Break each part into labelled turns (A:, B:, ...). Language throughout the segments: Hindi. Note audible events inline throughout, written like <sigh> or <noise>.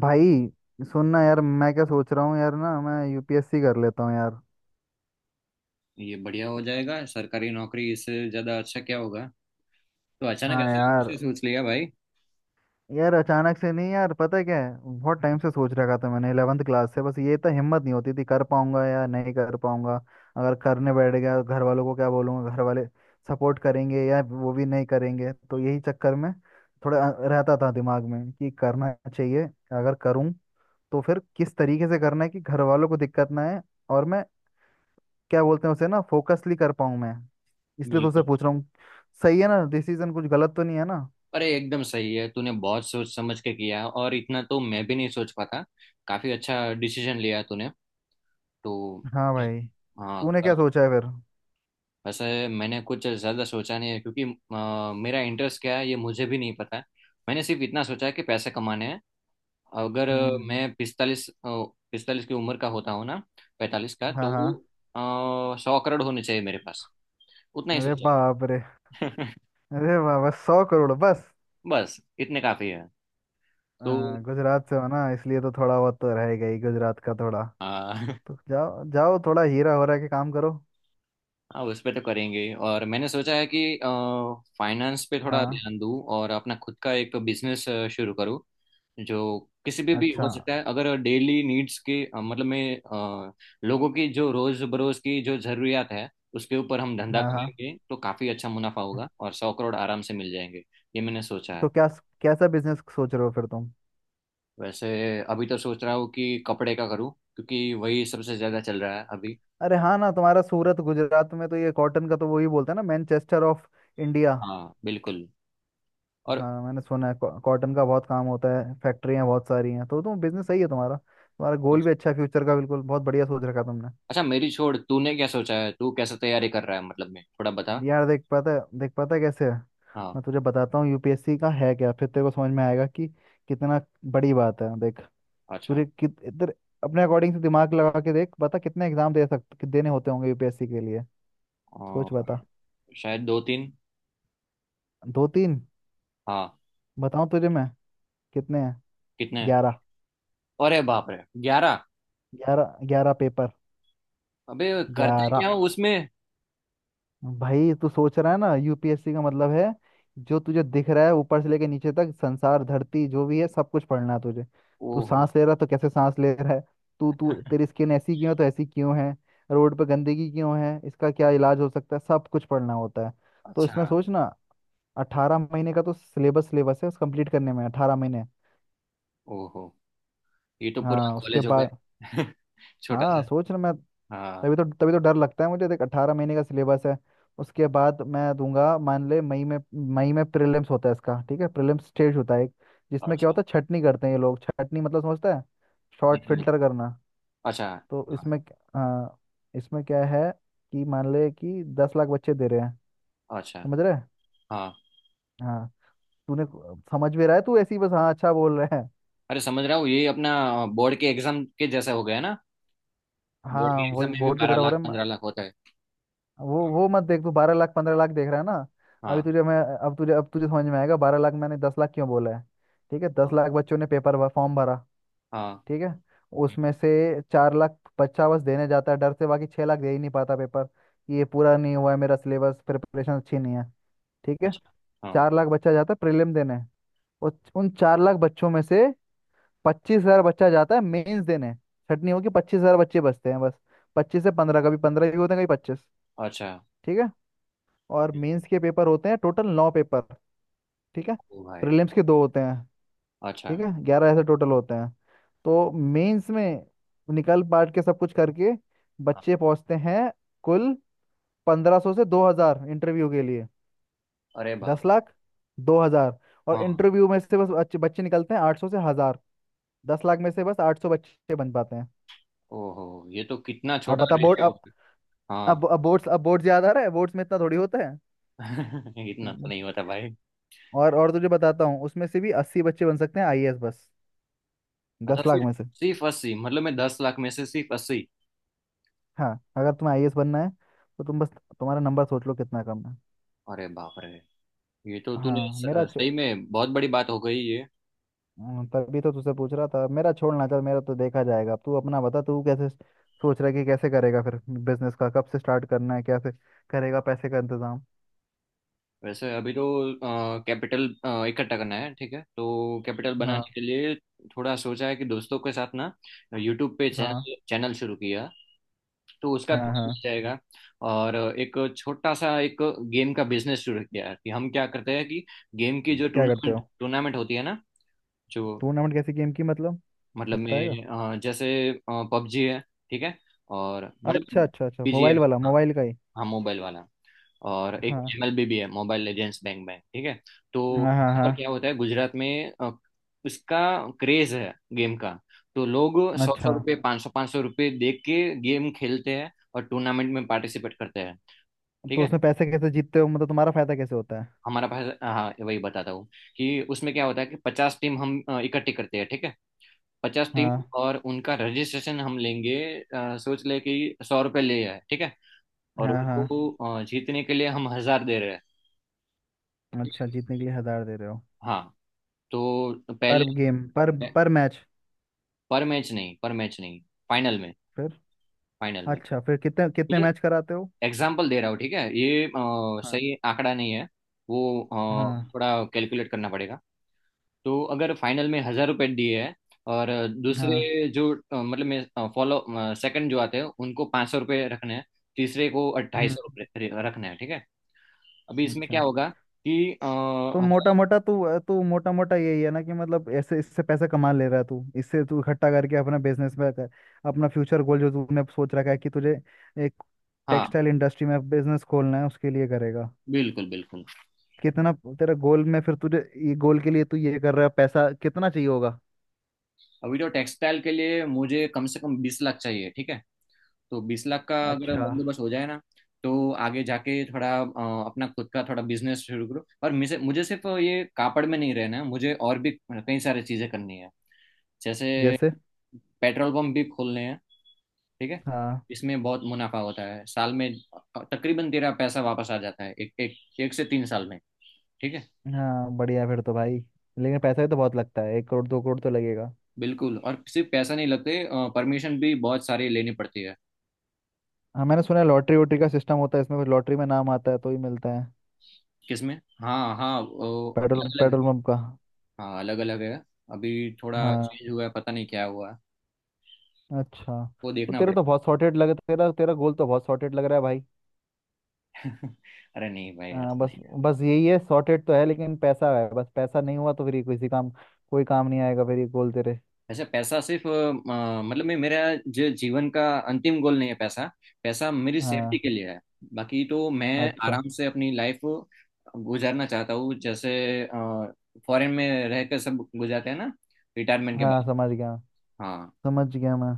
A: भाई, सुनना यार। मैं क्या सोच रहा हूँ यार? ना, मैं यूपीएससी कर लेता हूँ यार।
B: ये बढ़िया हो जाएगा। सरकारी नौकरी इससे ज्यादा अच्छा क्या होगा। तो अचानक
A: हाँ
B: ऐसे
A: यार।
B: कैसे सोच लिया भाई?
A: यार अचानक से नहीं यार, पता है क्या है, बहुत टाइम से सोच रखा था मैंने 11th क्लास से। बस ये तो हिम्मत नहीं होती थी कर पाऊंगा या नहीं कर पाऊंगा। अगर करने बैठ गया घर वालों को क्या बोलूंगा? घर वाले सपोर्ट करेंगे या वो भी नहीं करेंगे? तो यही चक्कर में थोड़ा रहता था दिमाग में कि करना चाहिए। अगर करूँ तो फिर किस तरीके से करना है कि घर वालों को दिक्कत ना आए और मैं क्या बोलते हैं उसे ना फोकसली कर पाऊँ मैं। इसलिए तो से
B: बिल्कुल।
A: पूछ रहा हूँ। सही है ना? डिसीजन कुछ गलत तो नहीं है ना?
B: अरे एकदम सही है, तूने बहुत सोच समझ के किया, और इतना तो मैं भी नहीं सोच पाता। काफी अच्छा डिसीजन लिया तूने। तो
A: हाँ भाई,
B: हाँ,
A: तूने क्या
B: कर।
A: सोचा है फिर?
B: वैसे मैंने कुछ ज़्यादा सोचा नहीं है, क्योंकि मेरा इंटरेस्ट क्या है ये मुझे भी नहीं पता है। मैंने सिर्फ इतना सोचा है कि पैसे कमाने हैं। अगर
A: हम्म।
B: मैं 45 45 की उम्र का होता हूँ ना, 45 का,
A: हाँ
B: तो
A: हाँ।
B: 100 करोड़ होने चाहिए मेरे पास। उतना ही
A: अरे
B: सोचा
A: बाप रे।
B: है।
A: अरे बाप, बस 100 करोड़ बस।
B: <laughs> बस इतने काफी है। तो
A: आ, गुजरात से हो ना इसलिए तो थोड़ा बहुत तो रहेगा ही गुजरात का थोड़ा।
B: आ, <laughs>
A: तो जाओ जाओ, थोड़ा हीरा हो रहा के काम करो।
B: हाँ, उस पे तो करेंगे। और मैंने सोचा है कि फाइनेंस पे थोड़ा
A: हाँ।
B: ध्यान दूँ और अपना खुद का एक बिजनेस शुरू करूँ। जो किसी पे भी
A: अच्छा।
B: हो सकता है। अगर डेली नीड्स के अ, लोगों की जो रोज बरोज की जो जरूरियात है उसके ऊपर हम धंधा
A: हाँ हाँ।
B: करेंगे, तो काफी अच्छा मुनाफा होगा, और 100 करोड़ आराम से मिल जाएंगे। ये मैंने सोचा
A: तो
B: है।
A: क्या कैसा बिजनेस सोच रहे हो फिर तुम?
B: वैसे अभी तो सोच रहा हूँ कि कपड़े का करूँ, क्योंकि वही सबसे ज्यादा चल रहा है अभी।
A: अरे हाँ ना, तुम्हारा सूरत गुजरात में तो ये कॉटन का तो वही बोलते हैं ना, मैनचेस्टर ऑफ इंडिया।
B: हाँ बिल्कुल। और
A: हाँ मैंने सुना है कॉटन का बहुत काम होता है, फैक्ट्रियाँ बहुत सारी हैं, तो तुम बिजनेस सही है तुम्हारा, तुम्हारा गोल भी अच्छा है फ्यूचर का, बिल्कुल बहुत बढ़िया सोच रखा तुमने।
B: अच्छा, मेरी छोड़, तूने क्या सोचा है? तू कैसे तैयारी कर रहा है, मतलब मैं, थोड़ा बता।
A: यार देख पाता है, देख पाता है कैसे है।
B: हाँ।
A: मैं तुझे बताता हूँ यूपीएससी का है क्या, फिर तेरे को समझ में आएगा कि कितना बड़ी बात है, देख।
B: अच्छा।
A: तुझे कित इधर अपने अकॉर्डिंग से दिमाग लगा के देख बता, कितने एग्जाम दे सकते, देने होते होंगे यूपीएससी के लिए? सोच
B: और
A: बता।
B: शायद 2 3।
A: दो तीन?
B: हाँ।
A: बताऊँ तुझे मैं कितने हैं?
B: कितने?
A: 11।
B: अरे बाप रे, 11!
A: 11, ग्यारह पेपर।
B: अबे, करते
A: 11।
B: क्या हो उसमें?
A: भाई तू सोच रहा है ना, यूपीएससी का मतलब है जो तुझे दिख रहा है ऊपर से लेके नीचे तक, संसार धरती जो भी है सब कुछ पढ़ना है तुझे। तू
B: ओहो।
A: सांस ले रहा है तो कैसे सांस ले रहा है? तू तू तेरी स्किन ऐसी क्यों है? तो ऐसी क्यों है? रोड पे गंदगी क्यों है? इसका क्या इलाज हो सकता है? सब कुछ पढ़ना होता है। तो इसमें
B: अच्छा।
A: सोच ना। अठारह महीने का तो सिलेबस, सिलेबस है उस कंप्लीट करने में, 18 महीने।
B: ओहो, ये तो पूरा
A: हाँ, उसके
B: कॉलेज हो
A: बाद।
B: गया। <laughs> छोटा
A: हाँ
B: सा।
A: सोच ना मैं।
B: हाँ।
A: तभी तो डर लगता है मुझे। देख, 18 महीने का सिलेबस है। उसके बाद मैं दूंगा मान ले मई में। मई में प्रीलिम्स होता है इसका, ठीक है? प्रीलिम्स स्टेज होता है एक, जिसमें क्या
B: अच्छा।
A: होता है, छटनी करते हैं ये लोग। छटनी मतलब समझता है?
B: नहीं
A: शॉर्ट
B: समझ।
A: फिल्टर करना।
B: अच्छा।
A: तो
B: हाँ।
A: इसमें इसमें क्या है कि मान ले कि 10 लाख बच्चे दे रहे हैं।
B: अच्छा।
A: समझ रहे हैं?
B: हाँ।
A: हाँ। समझ भी रहा है तू, ऐसी बस हाँ अच्छा बोल रहा है?
B: अरे समझ रहा हूँ, ये अपना बोर्ड के एग्जाम के जैसा हो गया ना। बोर्ड के
A: हाँ,
B: एग्जाम
A: वही
B: में भी
A: बोर्ड की
B: बारह
A: तरह हो
B: लाख
A: रहा है।
B: 15 लाख होता है।
A: वो मत देख, तू 12 लाख 15 लाख देख रहा है ना? अभी
B: हाँ।
A: तुझे मैं, अब तुझे समझ में आएगा 12 लाख मैंने 10 लाख क्यों बोला है। ठीक है, दस
B: हाँ।
A: लाख बच्चों ने फॉर्म भरा,
B: हाँ।
A: ठीक है?
B: हम्म,
A: उसमें से 4 लाख बच्चा बस देने जाता है डर से, बाकी 6 लाख दे ही नहीं पाता पेपर कि ये पूरा नहीं हुआ है मेरा सिलेबस, प्रिपरेशन अच्छी नहीं है, ठीक है?
B: अच्छा। हाँ।
A: 4 लाख बच्चा जाता है प्रीलिम देने। और उन 4 लाख बच्चों में से 25,000 बच्चा जाता है मेंस देने। छटनी होगी, 25,000 बच्चे बचते हैं बस। 25 से 15, कभी 15 भी होते हैं कभी 25।
B: अच्छा।
A: ठीक है। और मेंस के पेपर होते हैं टोटल 9 पेपर, ठीक है?
B: ओ भाई।
A: प्रीलिम्स के दो होते हैं,
B: अच्छा।
A: ठीक है, 11 ऐसे टोटल होते हैं। तो मेंस में निकल पाट के सब कुछ करके
B: हाँ।
A: बच्चे पहुंचते हैं कुल 1500 से 2000 इंटरव्यू के लिए।
B: अरे बाप।
A: 10 लाख, 2000। और
B: हाँ।
A: इंटरव्यू में से बस बच्चे बच्चे निकलते हैं 800 से 1000। दस लाख में से बस 800 बच्चे बन पाते हैं।
B: ओहो, ये तो कितना
A: अब
B: छोटा
A: बता बोर्ड,
B: रेशियो।
A: अब,
B: हाँ।
A: अब बोर्ड्स, अब बोर्ड याद आ रहा है? बोर्ड्स में इतना थोड़ी होता है।
B: <laughs> इतना तो
A: हम्म।
B: नहीं होता भाई।
A: और तुझे बताता हूँ उसमें से भी 80 बच्चे बन सकते हैं आईएएस, बस। दस
B: अच्छा,
A: लाख
B: सिर्फ?
A: में से।
B: सिर्फ 80, मतलब मैं 10 लाख में से सिर्फ अस्सी?
A: हाँ, अगर तुम्हें आईएएस बनना है तो तुम बस तुम्हारा नंबर सोच लो कितना कम है।
B: अरे बाप रे, ये तो तूने
A: हाँ मेरा चो,
B: सही में बहुत बड़ी बात हो गई ये।
A: तभी तो तुझसे पूछ रहा था, मेरा छोड़ना, चल मेरा तो देखा जाएगा, तू अपना बता, तू कैसे सोच रहा है कि कैसे करेगा फिर बिजनेस का, कब से स्टार्ट करना है, कैसे करेगा पैसे का इंतजाम?
B: वैसे अभी तो कैपिटल इकट्ठा करना है, ठीक है, तो कैपिटल बनाने
A: हाँ
B: के लिए थोड़ा सोचा है कि दोस्तों के साथ ना, यूट्यूब पे
A: हाँ
B: चैनल चैनल शुरू किया, तो उसका
A: हाँ।
B: थोड़ा
A: हाँ।
B: मिल जाएगा। और एक छोटा सा एक गेम का बिजनेस शुरू किया है। कि हम क्या करते हैं कि गेम की
A: हम्म।
B: जो
A: क्या करते
B: टूर्नामेंट
A: हो?
B: टूर्नामेंट होती है ना, जो
A: टूर्नामेंट कैसी गेम की मतलब?
B: मतलब
A: बताएगा?
B: में, जैसे पबजी है, ठीक है, और
A: अच्छा
B: मतलब
A: अच्छा अच्छा,
B: बीजीए,
A: मोबाइल वाला?
B: हाँ
A: मोबाइल का ही?
B: हाँ मोबाइल वाला। और एक
A: हाँ
B: एमएलबी भी है, मोबाइल लेजेंड्स बैंक बैंक, ठीक है। तो
A: हाँ हाँ।
B: यहाँ
A: हाँ।
B: पर क्या होता है, गुजरात में उसका क्रेज है गेम का, तो लोग सौ सौ
A: अच्छा,
B: रुपये, पाँच सौ रुपये दे के गेम खेलते हैं और टूर्नामेंट में पार्टिसिपेट करते हैं, ठीक
A: तो
B: है।
A: उसमें पैसे कैसे जीतते हो? मतलब तुम्हारा फायदा कैसे होता है?
B: हमारा पास, हाँ वही बताता हूँ कि उसमें क्या होता है कि 50 टीम हम इकट्ठी करते हैं, ठीक है, 50 टीम,
A: हाँ
B: और उनका रजिस्ट्रेशन हम लेंगे। सोच ले कि 100 रुपये ले आए, ठीक है, और
A: हाँ। हाँ
B: उनको जीतने के लिए हम 1000 दे रहे हैं, ठीक
A: अच्छा,
B: है?
A: जीतने के लिए 1000 दे रहे हो?
B: हाँ। तो पहले,
A: पर गेम? पर मैच?
B: पर मैच नहीं, पर मैच नहीं, फाइनल में,
A: फिर?
B: फाइनल में।
A: अच्छा फिर कितने कितने
B: ये
A: मैच कराते हो?
B: एग्जाम्पल दे रहा हूँ, ठीक है, ये
A: हाँ
B: सही आंकड़ा नहीं है, वो
A: हाँ
B: थोड़ा कैलकुलेट करना पड़ेगा। तो अगर फाइनल में 1000 रुपए दिए हैं, और
A: हाँ।
B: दूसरे जो, अ, मतलब मैं फॉलो सेकंड जो आते हैं उनको 500 रुपये रखने हैं, तीसरे को ढाई
A: हम्म।
B: सौ रुपये रखने हैं, ठीक है। अभी इसमें क्या
A: अच्छा,
B: होगा कि
A: तो मोटा
B: हजार।
A: मोटा तू, तू मोटा मोटा यही है ना कि मतलब ऐसे इससे पैसा कमा ले रहा है तू, इससे तू इकट्ठा करके अपना बिजनेस में कर, अपना फ्यूचर गोल जो तूने सोच रखा है कि तुझे एक
B: हाँ
A: टेक्सटाइल इंडस्ट्री में बिजनेस खोलना है उसके लिए करेगा?
B: बिल्कुल बिल्कुल।
A: कितना तेरा गोल में, फिर तुझे, ये गोल के लिए तू ये कर रहा है, पैसा कितना चाहिए होगा?
B: अभी तो टेक्सटाइल के लिए मुझे कम से कम 20 लाख चाहिए, ठीक है, तो 20 लाख का अगर
A: अच्छा।
B: बंदोबस्त हो जाए ना, तो आगे जाके थोड़ा अपना खुद का थोड़ा बिजनेस शुरू करो। और मुझे मुझे सिर्फ ये कापड़ में नहीं रहना है, मुझे और भी कई सारी चीजें करनी है। जैसे
A: जैसे?
B: पेट्रोल पंप भी खोलने हैं, ठीक है।
A: हाँ
B: इसमें बहुत मुनाफा होता है साल में, तकरीबन तेरा पैसा वापस आ जाता है एक एक एक से 3 साल में, ठीक है।
A: हाँ, बढ़िया फिर तो भाई। लेकिन पैसा भी तो बहुत लगता है, 1 करोड़ 2 करोड़ तो लगेगा।
B: बिल्कुल, और सिर्फ पैसा नहीं लगते, परमिशन भी बहुत सारी लेनी पड़ती है।
A: हाँ मैंने सुना है लॉटरी वोटरी का सिस्टम होता है इसमें कुछ, लॉटरी में नाम आता है तो ही मिलता है।
B: किसमें? हाँ हाँ,
A: पेट्रोल
B: अलग अलग
A: पेट्रोल
B: है।
A: पंप का?
B: हाँ अलग अलग है। अभी थोड़ा
A: हाँ
B: चेंज हुआ है, पता नहीं क्या हुआ है,
A: अच्छा।
B: वो
A: तो
B: देखना
A: तेरा तो
B: पड़ेगा।
A: बहुत सॉर्टेड लग, तेरा तेरा गोल तो बहुत सॉर्टेड लग रहा है भाई।
B: <laughs> अरे नहीं भाई,
A: हाँ,
B: ऐसा
A: बस।
B: नहीं।
A: बस यही है, सॉर्टेड तो है, लेकिन पैसा है, बस पैसा नहीं हुआ तो फिर ये किसी काम, कोई काम नहीं आएगा फिर ये गोल तेरे।
B: ऐसे पैसा सिर्फ मतलब मैं, मेरा जो जीवन का अंतिम गोल नहीं है पैसा, पैसा मेरी सेफ्टी के
A: हाँ।
B: लिए है। बाकी तो मैं
A: अच्छा।
B: आराम से अपनी लाइफ गुजारना चाहता हूँ, जैसे फॉरेन में रह कर सब गुजारते हैं ना, रिटायरमेंट के
A: हाँ
B: बाद।
A: समझ गया,
B: हाँ।
A: समझ गया मैं।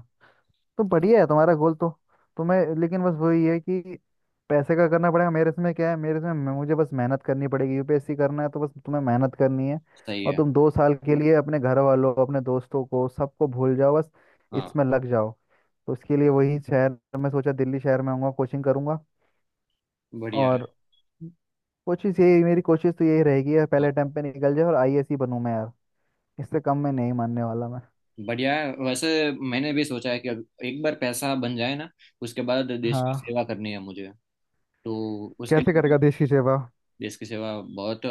A: तो बढ़िया है तुम्हारा गोल तो। तुम्हें लेकिन बस वही है कि पैसे का करना पड़ेगा। मेरे इसमें क्या है, मुझे बस मेहनत करनी पड़ेगी। यूपीएससी करना है तो बस तुम्हें मेहनत करनी है,
B: सही
A: और
B: है।
A: तुम 2 साल के लिए अपने घर वालों, अपने दोस्तों को, सबको भूल जाओ, बस
B: हाँ
A: इसमें लग जाओ। तो उसके लिए वही शहर मैं सोचा, दिल्ली शहर में आऊँगा कोचिंग करूँगा।
B: बढ़िया है।
A: और कोशिश यही, मेरी कोशिश तो यही रहेगी यार, पहले
B: हाँ
A: अटेम्प्ट पे निकल जाए और आईएएस ही बनूँ मैं यार। इससे कम मैं नहीं मानने वाला मैं।
B: बढ़िया है। वैसे मैंने भी सोचा है कि अब एक बार पैसा बन जाए ना, उसके बाद देश की
A: हाँ।
B: सेवा करनी है मुझे। तो उसके
A: कैसे
B: लिए,
A: करेगा देश की सेवा?
B: देश की सेवा, बहुत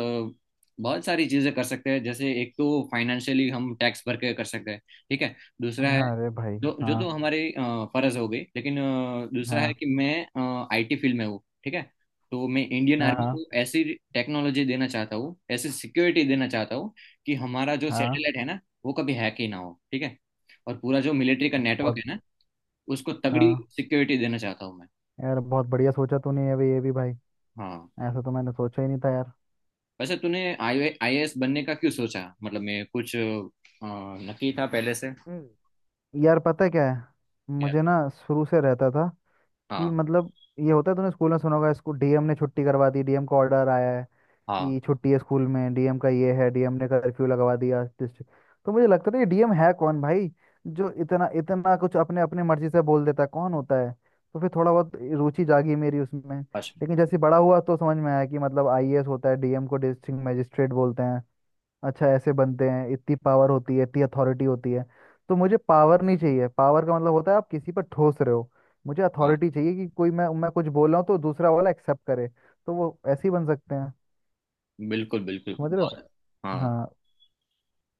B: बहुत सारी चीजें कर सकते हैं। जैसे एक तो फाइनेंशियली हम टैक्स भर के कर सकते हैं, ठीक है। दूसरा है,
A: हाँ अरे भाई।
B: जो जो
A: हाँ
B: तो हमारे फर्ज हो गई, लेकिन दूसरा है
A: हाँ
B: कि मैं आईटी फील्ड में हूँ, ठीक है। तो मैं इंडियन
A: हाँ
B: आर्मी
A: हाँ।
B: को ऐसी टेक्नोलॉजी देना चाहता हूँ, ऐसी सिक्योरिटी देना चाहता हूँ कि हमारा जो
A: हाँ
B: सैटेलाइट है ना, वो कभी हैक ही ना हो, ठीक है। और पूरा जो मिलिट्री का नेटवर्क
A: बहुत।
B: है ना, उसको तगड़ी
A: हाँ।
B: सिक्योरिटी देना चाहता हूँ मैं।
A: यार बहुत बढ़िया सोचा तूने ये भी, ये भी भाई।
B: हाँ।
A: ऐसा तो मैंने सोचा ही नहीं था यार।
B: वैसे तूने आई आईएएस बनने का क्यों सोचा, मतलब मैं कुछ, नक्की था पहले से?
A: हम्म। यार पता है क्या है,
B: क्या?
A: मुझे ना शुरू से रहता था कि
B: हाँ।
A: मतलब, ये होता है, तूने स्कूल में सुना होगा, इसको डीएम ने छुट्टी करवा दी, डीएम का ऑर्डर आया है
B: हाँ।
A: कि छुट्टी है स्कूल में, डीएम का ये है, डीएम ने कर्फ्यू लगवा दिया डिस्ट्रिक्ट। तो मुझे लगता था ये डीएम है कौन भाई जो इतना इतना कुछ अपने अपने मर्जी से बोल देता है? कौन होता है? तो फिर थोड़ा बहुत रुचि जागी मेरी उसमें,
B: अच्छा।
A: लेकिन जैसे बड़ा हुआ तो समझ में आया कि मतलब आईएएस होता है, डीएम को डिस्ट्रिक्ट मजिस्ट्रेट बोलते हैं। अच्छा, ऐसे बनते हैं, इतनी पावर होती है, इतनी अथॉरिटी होती है। तो मुझे पावर नहीं चाहिए, पावर का मतलब होता है आप किसी पर ठोस रहे हो। मुझे
B: हाँ
A: अथॉरिटी चाहिए कि कोई, मैं कुछ बोल रहा हूँ तो दूसरा वाला एक्सेप्ट करे। तो वो ऐसे ही बन सकते हैं।
B: बिल्कुल बिल्कुल,
A: समझ रहे हो?
B: बहुत। हाँ,
A: हाँ।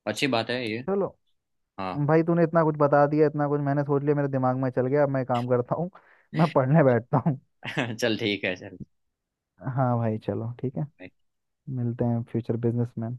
B: अच्छी बात है ये।
A: चलो।
B: हाँ।
A: भाई तूने इतना कुछ बता दिया, इतना कुछ मैंने सोच लिया मेरे दिमाग में, चल गया। अब मैं एक काम करता हूँ, <laughs> मैं पढ़ने बैठता हूँ।
B: <laughs> चल ठीक है।
A: हाँ भाई चलो ठीक है।
B: चल।
A: मिलते हैं फ्यूचर बिजनेसमैन।